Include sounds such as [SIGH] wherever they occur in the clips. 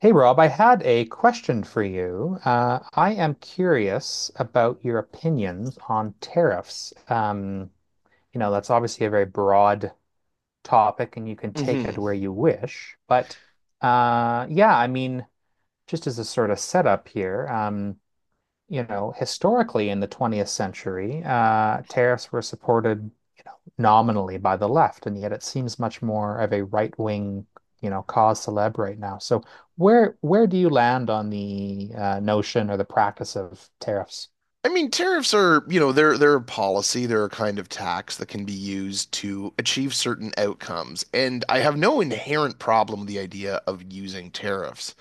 Hey Rob, I had a question for you. I am curious about your opinions on tariffs. That's obviously a very broad topic and you can take hmm it where you wish. But yeah, I mean, just as a sort of setup here, historically in the 20th century, tariffs were supported nominally by the left, and yet it seems much more of a right-wing, you know, cause célèbre right now. So where do you land on the notion or the practice of tariffs? I mean, tariffs are, you know, they're a policy, they're a kind of tax that can be used to achieve certain outcomes. And I have no inherent problem with the idea of using tariffs.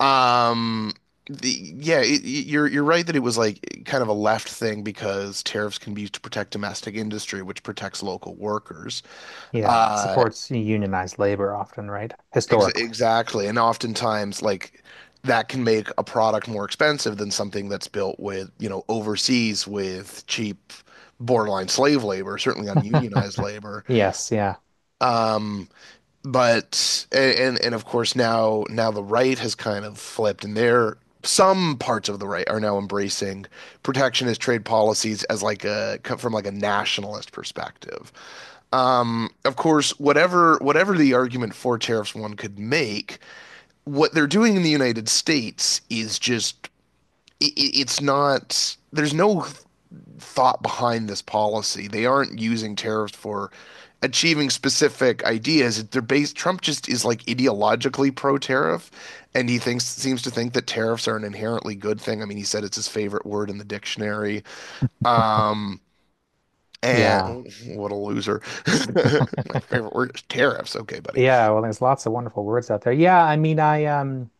Um, you're right that it was like kind of a left thing because tariffs can be used to protect domestic industry, which protects local workers. Yeah, it Uh, supports unionized labor often, right? Historically. [LAUGHS] exactly. And oftentimes, like that can make a product more expensive than something that's built with, you know, overseas with cheap, borderline slave labor, certainly ununionized labor. Yes, yeah. Um, but and of course, now the right has kind of flipped, and they're some parts of the right are now embracing protectionist trade policies as like a from like a nationalist perspective. Of course, whatever the argument for tariffs one could make, what they're doing in the United States is just it's not there's no thought behind this policy. They aren't using tariffs for achieving specific ideas. They're based Trump just is like ideologically pro tariff and he thinks seems to think that tariffs are an inherently good thing. I mean, he said it's his favorite word in the dictionary. Um and Yeah. Oh, what a loser. [LAUGHS] My favorite word is tariffs. Okay, buddy. Yeah, well, there's lots of wonderful words out there. Yeah, I mean, I um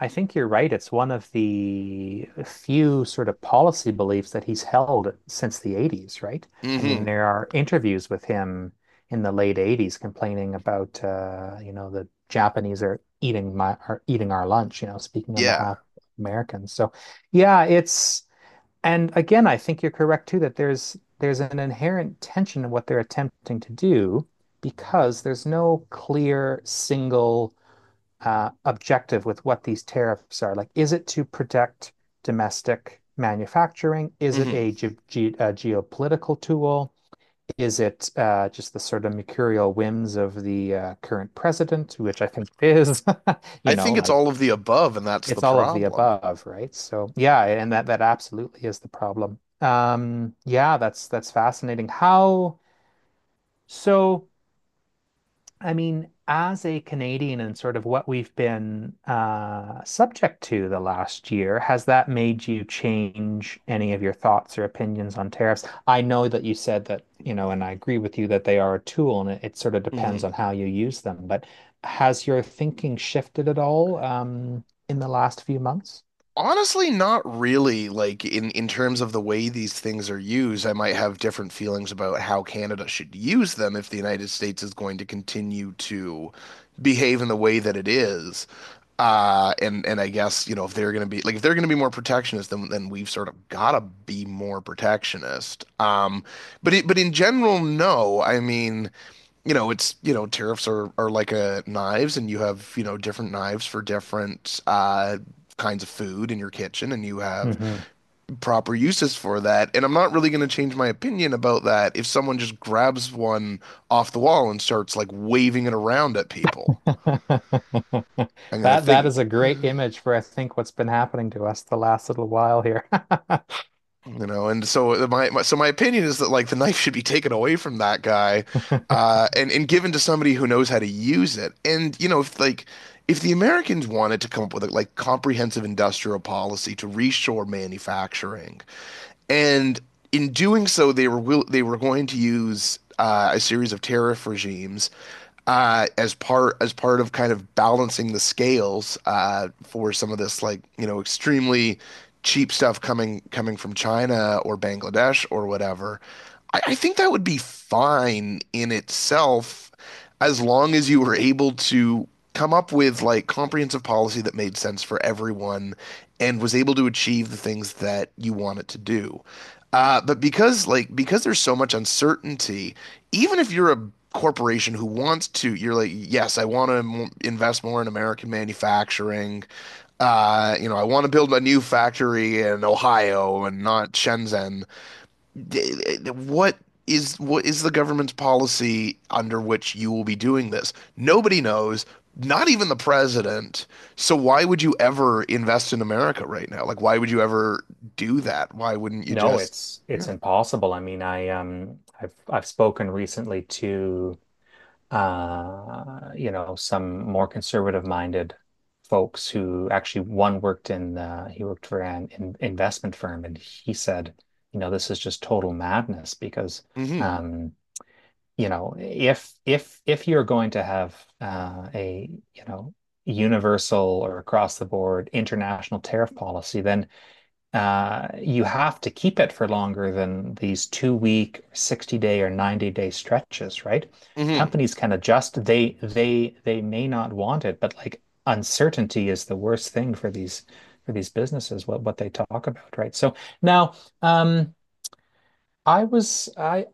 I think you're right. It's one of the few sort of policy beliefs that he's held since the 80s, right? I mean, Mhm. there are interviews with him in the late 80s complaining about, you know, the Japanese are eating our lunch, you know, speaking on Yeah. behalf of Americans. So, yeah, it's and again, I think you're correct too that there's an inherent tension in what they're attempting to do because there's no clear single objective with what these tariffs are. Like, is it to protect domestic manufacturing? Is it Mhm. a, ge ge a geopolitical tool? Is it just the sort of mercurial whims of the current president, which I think is [LAUGHS] I you know, think it's like all of the above, and that's the it's all of the problem. above, right? So yeah, and that absolutely is the problem. Yeah, that's fascinating. How so? I mean, as a Canadian and sort of what we've been subject to the last year, has that made you change any of your thoughts or opinions on tariffs? I know that you said that, you know, and I agree with you that they are a tool and it sort of depends hmm on how you use them, but has your thinking shifted at all in the last few months? Honestly, not really. Like in terms of the way these things are used, I might have different feelings about how Canada should use them if the United States is going to continue to behave in the way that it is. And I guess, you know, if they're going to be like if they're going to be more protectionist, then we've sort of got to be more protectionist. But in general, no. I mean, you know, it's, you know, tariffs are like knives and you have, you know, different knives for different kinds of food in your kitchen and you have Mhm. proper uses for that. And I'm not really going to change my opinion about that if someone just grabs one off the wall and starts like waving it around at people. [LAUGHS] I'm going to That that think. is a great image for I think what's been happening to us the last little while here. You know, and so my opinion is that like the knife should be taken away from that guy, [LAUGHS] and given to somebody who knows how to use it. And you know, if like if the Americans wanted to come up with a like comprehensive industrial policy to reshore manufacturing, and in doing so, they were will they were going to use a series of tariff regimes as part of kind of balancing the scales for some of this like you know extremely cheap stuff coming from China or Bangladesh or whatever. I think that would be fine in itself as long as you were able to come up with like comprehensive policy that made sense for everyone and was able to achieve the things that you want it to do. But because there's so much uncertainty, even if you're a corporation who wants to, you're like, yes, I want to invest more in American manufacturing. You know, I want to build a new factory in Ohio and not Shenzhen d- what what is the government's policy under which you will be doing this? Nobody knows, not even the president. So why would you ever invest in America right now? Like, why would you ever do that? Why wouldn't you No, just? it's Yeah. it's impossible. I mean, I've spoken recently to you know some more conservative minded folks who actually one worked in he worked for an in investment firm and he said, you know, this is just total madness because hmm um you know if you're going to have a universal or across the board international tariff policy, then you have to keep it for longer than these two-week, 60 day or 90-day stretches, right? hmm Companies can adjust. They may not want it, but like uncertainty is the worst thing for these businesses, what they talk about, right? So now um I was I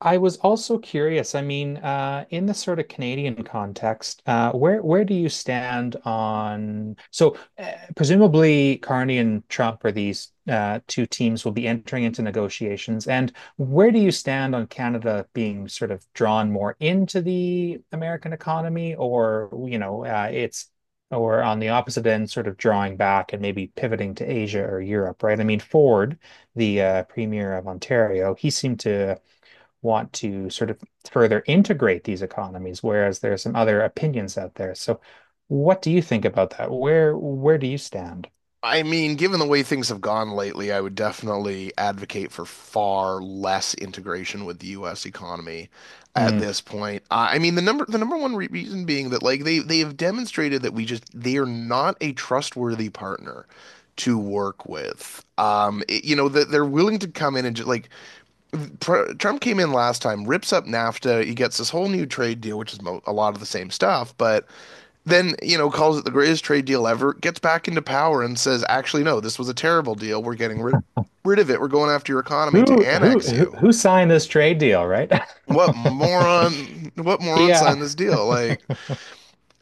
I was also curious. I mean, in the sort of Canadian context, where do you stand on? So, presumably, Carney and Trump are these two teams will be entering into negotiations. And where do you stand on Canada being sort of drawn more into the American economy, or you know, it's or on the opposite end, sort of drawing back and maybe pivoting to Asia or Europe, right? I mean, Ford, the premier of Ontario, he seemed to want to sort of further integrate these economies, whereas there are some other opinions out there. So, what do you think about that? Where do you stand? I mean, given the way things have gone lately, I would definitely advocate for far less integration with the US economy at Hmm. this point. I mean, the number one re reason being that like they have demonstrated that we just they are not a trustworthy partner to work with. You know, that they're willing to come in and just like pr Trump came in last time, rips up NAFTA, he gets this whole new trade deal, which is mo a lot of the same stuff, but then you know calls it the greatest trade deal ever, gets back into power and says actually no, this was a terrible deal, we're getting rid of it, we're going after your economy to Who who annex who you. who signed this trade deal, right? What [LAUGHS] moron, what moron Yeah. signed this deal, like, [LAUGHS]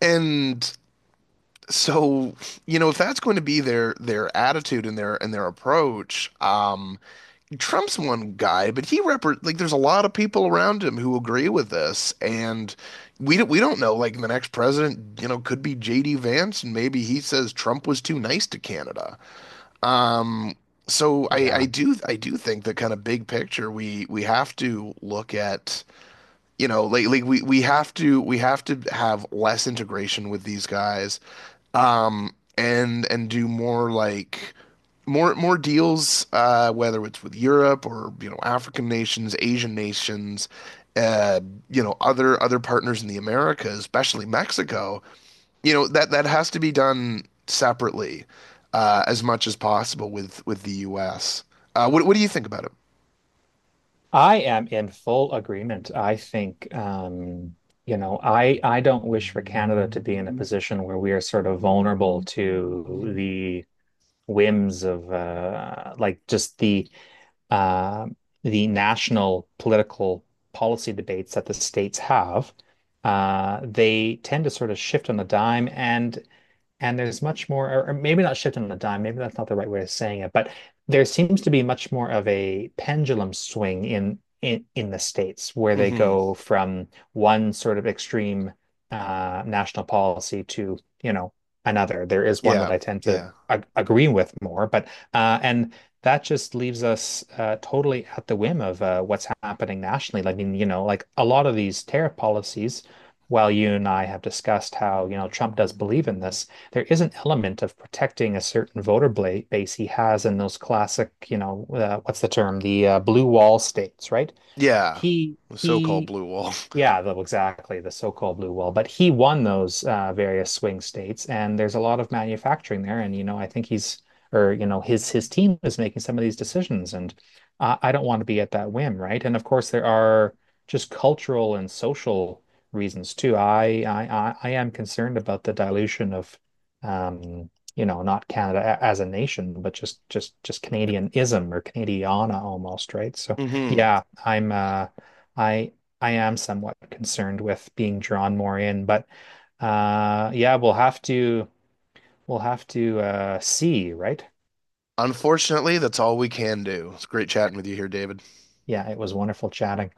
and so you know if that's going to be their attitude and their approach. Trump's one guy, but he repre like there's a lot of people around him who agree with this, and we don't know. Like the next president, you know, could be JD Vance, and maybe he says Trump was too nice to Canada. So I Yeah. I do I do think that kind of big picture we have to look at, you know, like we have to we have to have less integration with these guys, and do more like more deals, whether it's with Europe or you know African nations, Asian nations, uh, you know other partners in the Americas, especially Mexico. You know that that has to be done separately, as much as possible with the U.S. What do you think about it? I am in full agreement. I think, you know, I don't wish for Canada to be in a position where we are sort of vulnerable to the whims of like just uh, the national political policy debates that the states have, they tend to sort of shift on a dime. And there's much more, or maybe not shifting on a dime, maybe that's not the right way of saying it, but there seems to be much more of a pendulum swing in the States where they hmm go from one sort of extreme national policy to, you know, another. There is one that Yeah, I tend to yeah, ag agree with more, but and that just leaves us totally at the whim of what's happening nationally. I mean, you know, like a lot of these tariff policies while you and I have discussed how, you know, Trump does believe in this, there is an element of protecting a certain voter base he has in those classic, you know, what's the term? The blue wall states, right? yeah. The so-called He blue wall. Yeah, though exactly, the so-called blue wall. But he won those various swing states, and there's a lot of manufacturing there. And you know, I think he's, or you know, his team is making some of these decisions, and I don't want to be at that whim, right? And of course, there are just cultural and social reasons too. I am concerned about the dilution of, um, you know, not as a nation, but just Canadianism or Canadiana almost, right? So [LAUGHS] hmm yeah, I I am somewhat concerned with being drawn more in, but yeah, we'll have to see, right? Unfortunately, that's all we can do. It's great chatting with you here, David. Yeah, it was wonderful chatting.